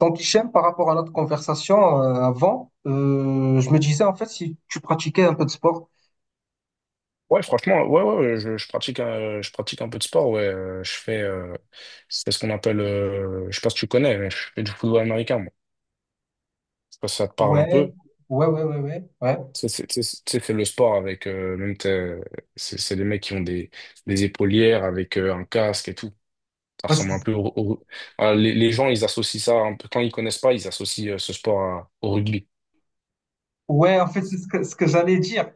Donc, Hichem, par rapport à notre conversation avant, je me disais en fait si tu pratiquais un peu de sport. Ouais, franchement, ouais, ouais, ouais, je pratique, je pratique un peu de sport, ouais. Je fais, c'est ce qu'on appelle, je sais pas si tu connais, mais je fais du football américain, moi. Je sais pas si ça te parle un Ouais, peu. ouais, ouais, ouais, ouais, ouais. Tu sais, c'est le sport avec, c'est des mecs qui ont des épaulières avec un casque et tout. Ça Ouais, ressemble un c'est- peu les gens, ils associent ça un peu, quand ils connaissent pas, ils associent ce sport au rugby. ouais, en fait, c'est ce que j'allais dire.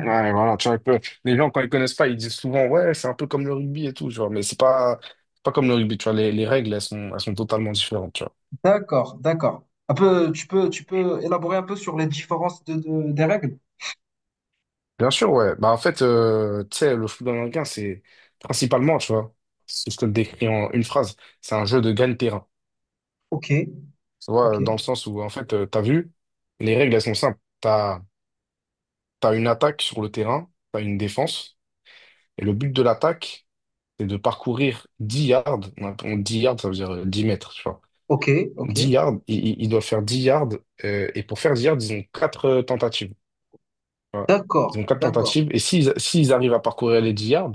Ouais, voilà, tu vois, un peu. Les gens, quand ils connaissent pas, ils disent souvent, ouais, c'est un peu comme le rugby et tout, genre, mais c'est pas comme le rugby, tu vois, les règles, elles sont totalement différentes, tu vois. D'accord, d'accord. Un peu, tu peux élaborer un peu sur les différences des règles. Bien sûr, ouais. Bah, en fait, tu sais, le football américain, c'est principalement, tu vois, si je te le décris en une phrase, c'est un jeu de gagne-terrain. Ok, Tu ok, vois, dans le sens où, en fait, t'as vu, les règles, elles sont simples. T'as, t'as une attaque sur le terrain, t'as une défense, et le but de l'attaque, c'est de parcourir 10 yards. 10 yards, ça veut dire 10 mètres, tu vois. ok, dix ok. yards, ils doivent faire 10 yards. Et pour faire 10 yards, ils ont 4 tentatives. Voilà. Ils ont D'accord, 4 d'accord, tentatives. Et s'ils arrivent à parcourir les 10 yards,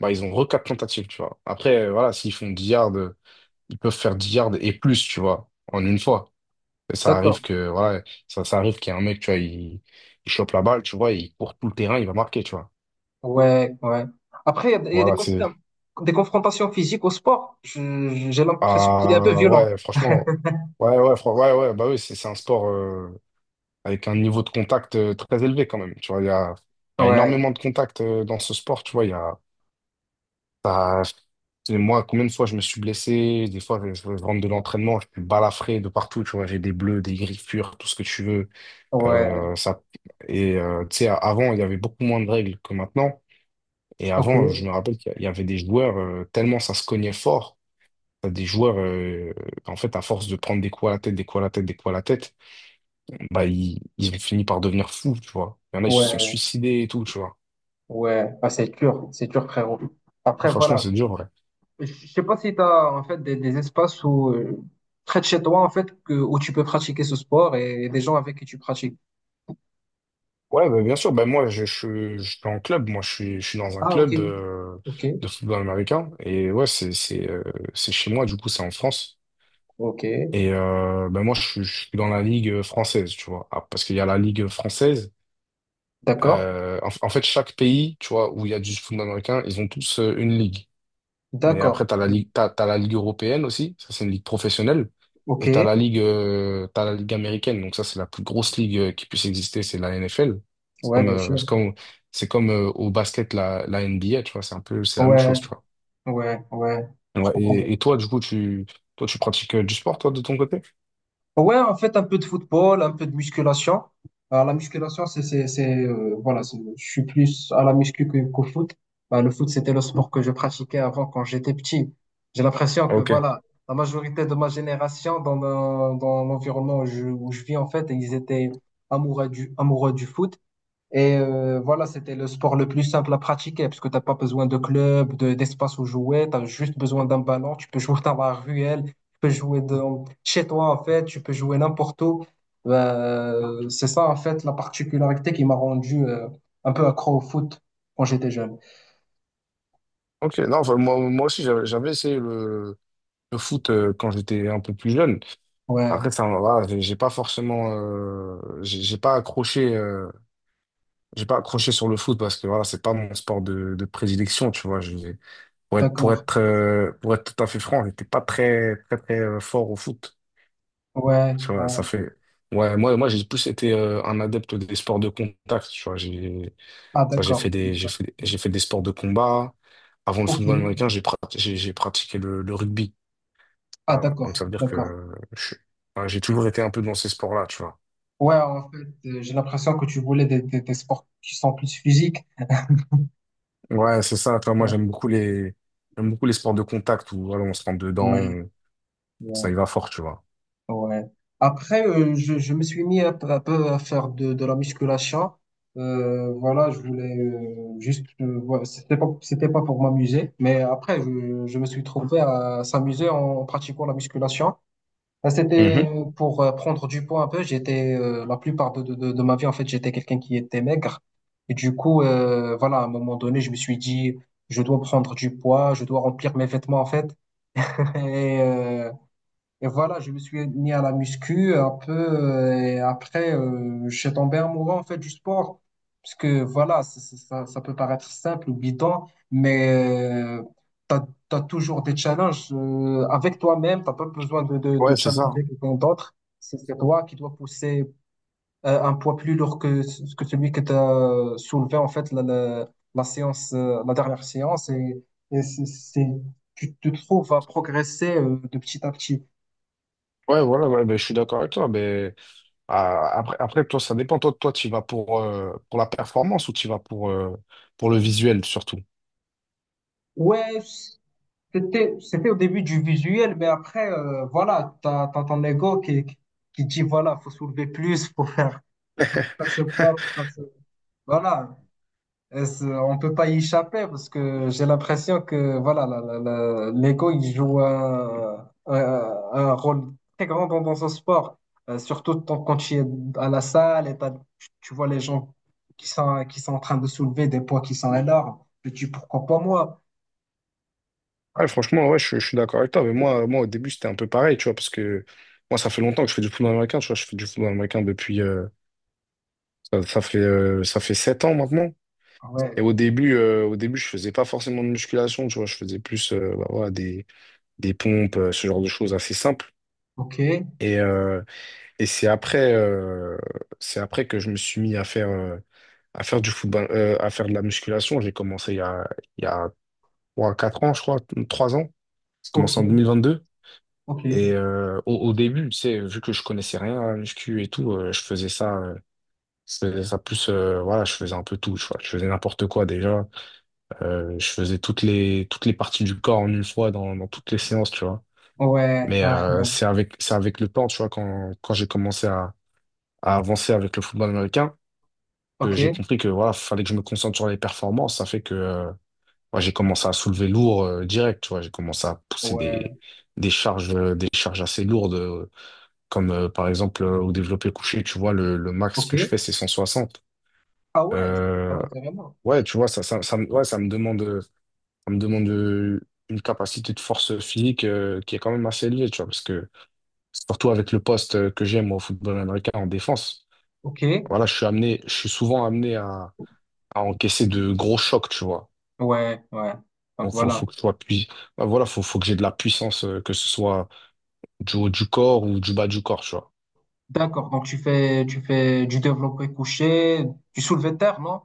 bah, ils ont re 4 tentatives, tu vois. Après, voilà, s'ils font 10 yards, ils peuvent faire 10 yards et plus, tu vois, en une fois. Et ça arrive d'accord. que, voilà, ça arrive qu'il y a un mec, tu vois, il chope la balle, tu vois, il court tout le terrain, il va marquer, tu vois. Ouais, ouais. Après, il y a des, Voilà, c'est... des confrontations physiques au sport. J'ai l'impression qu'il est un peu Ah, violent. ouais, franchement... Ouais, ouais, ouais, ouais, bah oui, c'est un sport... avec un niveau de contact très élevé quand même. Tu vois, il y a Ouais, énormément de contacts dans ce sport. Tu vois, il y a, t'as- et moi, combien de fois je me suis blessé, des fois je rentre de l'entraînement, je suis balafré de partout, tu vois, j'ai des bleus, des griffures, tout ce que tu veux. ouais, Ça... Et tu sais, avant, il y avait beaucoup moins de règles que maintenant. Et ok, avant, je me rappelle qu'il y avait des joueurs, tellement ça se cognait fort, t'as des joueurs, en fait, à force de prendre des coups à la tête, des coups à la tête, des coups à la tête, bah, ils ont fini par devenir fous, tu vois. Il y en a, ils se sont ouais. suicidés et tout, tu vois. Ouais, ah, c'est dur, frérot. Ah, Après, franchement, voilà. c'est dur, ouais. Je sais pas si tu as en fait des espaces où, près de chez toi, en fait, que, où tu peux pratiquer ce sport et, des gens avec qui tu pratiques. Ouais, bah, bien sûr, bah, moi, je suis en club, moi, je suis dans un Ah, ok, club ok, de football américain, et ouais, c'est, c'est chez moi, du coup, c'est en France. ok. Et bah, moi, je suis dans la ligue française, tu vois. Ah, parce qu'il y a la ligue française. D'accord, En fait, chaque pays, tu vois, où il y a du football américain, ils ont tous une ligue. Mais après, d'accord. T'as la ligue européenne aussi. Ça, c'est une ligue professionnelle. Ok, Et t'as la ligue américaine. Donc ça, c'est la plus grosse ligue qui puisse exister. C'est la NFL. C'est ouais, comme, bien euh, sûr. c'est comme, c'est comme au basket la NBA. Tu vois, c'est un peu, c'est la même Ouais, chose. Tu vois. ouais, ouais. Je Ouais, comprends. Et toi, du coup, toi, tu pratiques du sport, toi, de ton côté? Ouais, en fait, un peu de football, un peu de musculation. Alors, la musculation, voilà, je suis plus à la muscu qu'au foot. Bah, le foot, c'était le sport que je pratiquais avant quand j'étais petit. J'ai l'impression que, Ok. voilà, la majorité de ma génération, dans l'environnement où je vis, en fait, ils étaient amoureux amoureux du foot. Et voilà, c'était le sport le plus simple à pratiquer parce que tu pas besoin de club, de, d'espace où jouer, tu as juste besoin d'un ballon, tu peux jouer dans la ruelle, tu peux jouer dans, chez toi en fait, tu peux jouer n'importe où. C'est ça en fait la particularité qui m'a rendu un peu accro au foot quand j'étais jeune. Ok. Non, enfin, moi, moi aussi, j'avais essayé le foot quand j'étais un peu plus jeune. Ouais, Après, ça, voilà, j'ai pas forcément, j'ai pas accroché. J'ai pas accroché sur le foot parce que voilà, c'est pas mon sport de prédilection, tu vois. Je, d'accord. Pour être tout à fait franc, j'étais pas très, très, très fort au foot. Ouais, Tu vois, ça ouais. fait. Ouais, moi, moi, j'ai plus été un adepte des sports de contact, tu vois. J'ai, Ah ça, d'accord, d'accord. J'ai fait des sports de combat. Avant le Ok. football américain, j'ai pratiqué le rugby. Ah Voilà. Donc, d'accord, ça veut dire que d'accord. Ouais, j'ai toujours été un peu dans ces sports-là, tu vois. Ouais, en fait, j'ai l'impression que tu voulais des sports qui sont plus physiques. Ouais, c'est ça. Toi, moi, j'aime beaucoup les sports de contact où voilà, on se rentre dedans. Ouais, Ça ouais. y va fort, tu vois. Ouais. Après, je me suis mis un peu à faire de la musculation. Voilà, je voulais juste, voilà, c'était pas pour m'amuser, mais après, je me suis trouvé à s'amuser en pratiquant la musculation. C'était Mhm. pour prendre du poids un peu. J'étais, la plupart de ma vie, en fait, j'étais quelqu'un qui était maigre. Et du coup, voilà, à un moment donné, je me suis dit, je dois prendre du poids, je dois remplir mes vêtements, en fait. Et, euh, et voilà, je me suis mis à la muscu un peu. Et après, je suis tombé amoureux en fait du sport. Parce que voilà, ça, ça peut paraître simple ou bidon, mais tu as, toujours des challenges avec toi-même. T'as pas besoin Ouais, de c'est ça. challenger quelqu'un d'autre. C'est toi qui dois pousser un poids plus lourd que, que celui que tu as soulevé en fait la séance, la dernière séance. Et, c'est- tu te trouves à progresser de petit à petit. Ouais, voilà, ouais, ben, je suis d'accord avec toi. Mais ah, après, après, toi, ça dépend. Toi, tu y vas pour la performance ou tu y vas pour le visuel surtout? Ouais, c'était, c'était au début du visuel, mais après, voilà, t'as ton ego qui dit, voilà, faut soulever plus, faut faire ce poids, faut faire ce... Voilà, et c'est- on peut pas y échapper parce que j'ai l'impression que, voilà, l'ego, il joue un rôle très grand dans, dans ce sport. Surtout quand tu es à la salle tu tu vois les gens qui sont en train de soulever des poids qui sont énormes. Tu dis pourquoi pas moi? Ouais, franchement, ouais, je suis d'accord avec toi. Mais moi, moi, au début, c'était un peu pareil, tu vois, parce que moi, ça fait longtemps que je fais du football américain. Tu vois, je fais du football américain depuis. Ça, ça fait 7 ans maintenant. Ah ouais, Et au début, je faisais pas forcément de musculation, tu vois, je faisais plus bah, voilà, des pompes, ce genre de choses assez simples. ok. Et, euh, Et c'est après que je me suis mis à faire, à faire de la musculation. J'ai commencé il y a trois quatre ans, je crois, 3 ans. J'ai Ok. commencé en 2022. Ok, ouais, Et au début, tu sais, vu que je connaissais rien à la muscu et tout, je faisais ça plus, voilà, je faisais un peu tout, je faisais n'importe quoi déjà. Je faisais toutes les parties du corps en une fois dans toutes les séances, tu vois. ouais, Mais c'est avec le temps, tu vois, quand j'ai commencé à avancer avec le football américain. Que ok, j'ai compris que voilà, fallait que je me concentre sur les performances. Ça fait que moi, j'ai commencé à soulever lourd direct, tu vois. J'ai commencé à pousser des, ouais, des charges, des charges assez lourdes, comme par exemple au développé couché, tu vois, le max que je ok. fais, c'est 160. Ah ouais, ah Euh, ouais, carrément. ouais, tu vois, ça me demande une capacité de force physique qui est quand même assez élevée, tu vois, parce que surtout avec le poste que j'aime au football américain en défense, Ok, voilà, je suis souvent amené à encaisser de gros chocs, tu vois. ouais, ouais. Donc Donc, voilà. faut que je sois pui- bah, voilà, faut que j'ai de la puissance, que ce soit du haut du corps ou du bas du corps, tu vois. D'accord, donc tu fais du développé couché, du soulevé de terre, non?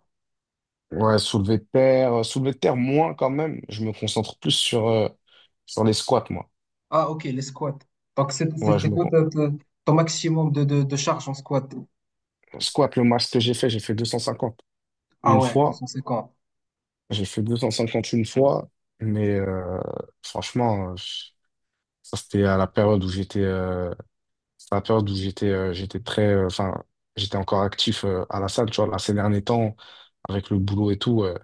Ouais, soulever de terre moins quand même. Je me concentre plus sur, sur les squats, moi. Ah ok, les squats. Donc Ouais, c'est quoi ton maximum de charge en squat? squat, le max que j'ai fait 250 Ah une ouais, fois. 250. J'ai fait 250 une fois, mais franchement, ça c'était à la période où j'étais, j'étais très, enfin, j'étais encore actif à la salle, tu vois. Là, ces derniers temps, avec le boulot et tout.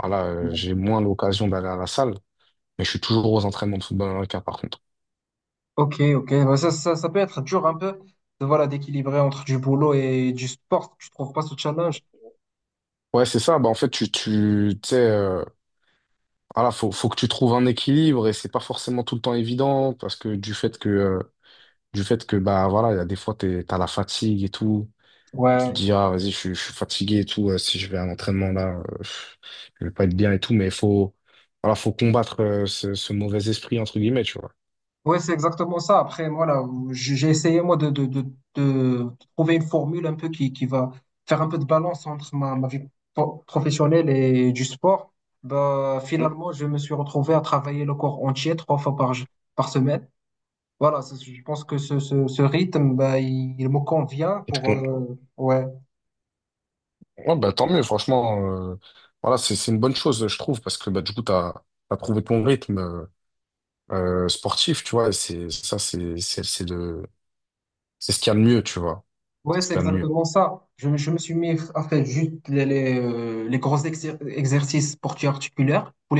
Voilà, Ouais. j'ai moins l'occasion d'aller à la salle, mais je suis toujours aux entraînements de football américain par contre. Ok, ok, ouais, ça peut être dur un peu de, voilà, d'équilibrer entre du boulot et du sport. Tu trouves pas ce challenge? Ouais, c'est ça. Bah, en fait, tu sais, voilà, faut que tu trouves un équilibre et c'est pas forcément tout le temps évident parce que du fait que, bah, voilà, il y a des fois, t'as la fatigue et tout. Tu te Ouais, dis, ah, vas-y, je suis fatigué et tout. Si je vais à un entraînement là, je vais pas être bien et tout, mais il faut, voilà, faut combattre, ce mauvais esprit, entre guillemets, tu vois. oui, c'est exactement ça. Après, moi, là, j'ai essayé, moi, de trouver une formule un peu qui va faire un peu de balance entre ma, ma vie professionnelle et du sport. Bah, Mhm. finalement, je me suis retrouvé à travailler le corps entier trois fois par semaine. Voilà, c'est- je pense que ce rythme, bah, il me convient Et te, pour... con- ouais, Ouais, bah, tant mieux, franchement. euh, voilà, c'est une bonne chose, je trouve, parce que bah, du coup, tu as, trouvé ton rythme sportif, tu vois, et c'est ça, c'est ce qu'il y a de mieux, tu vois. ouais, C'est ce c'est qu'il y a de mieux. exactement ça. Je me suis mis à faire juste les gros exercices pour articulaires, pour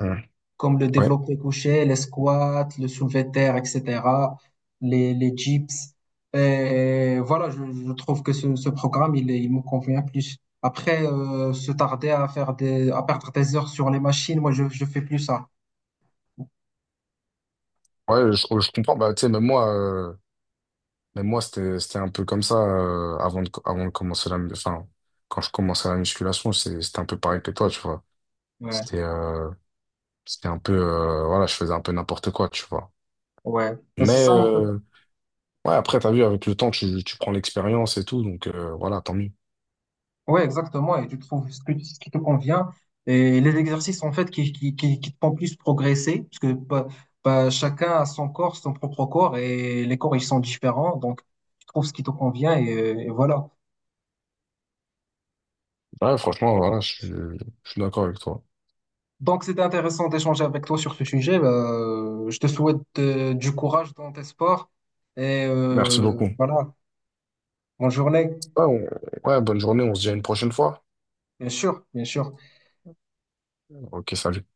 Ouais, comme le ouais. développé couché, les squats, le soulevé de terre, etc., les dips. Et voilà, je trouve que ce programme, il me convient plus. Après, se tarder à faire des, à perdre des heures sur les machines, moi, je fais plus ça. Ouais, oh, je comprends. Bah, tu sais, même moi c'était un peu comme ça avant de commencer la... Enfin, quand je commençais la musculation, c'était un peu pareil que toi, tu vois. Ouais, C'était c'était un peu... voilà, je faisais un peu n'importe quoi, tu vois. ouais. Ben, c'est Mais... ça, en fait. euh, Ouais, après, t'as vu, avec le temps, tu prends l'expérience et tout, donc voilà, tant mieux. Oui, exactement. Et tu trouves ce que, ce qui te convient. Et les exercices, en fait, qui te font plus progresser, parce que pas chacun a son corps, son propre corps, et les corps, ils sont différents. Donc, tu trouves ce qui te convient, et voilà. Ouais, franchement, voilà, je suis d'accord avec toi. Donc, c'était intéressant d'échanger avec toi sur ce sujet. Je te souhaite du courage dans tes sports. Et Merci beaucoup. Ouais, voilà, bonne journée. on- ouais, bonne journée, on se dit à une prochaine fois. Bien sûr, bien sûr. Ok, salut.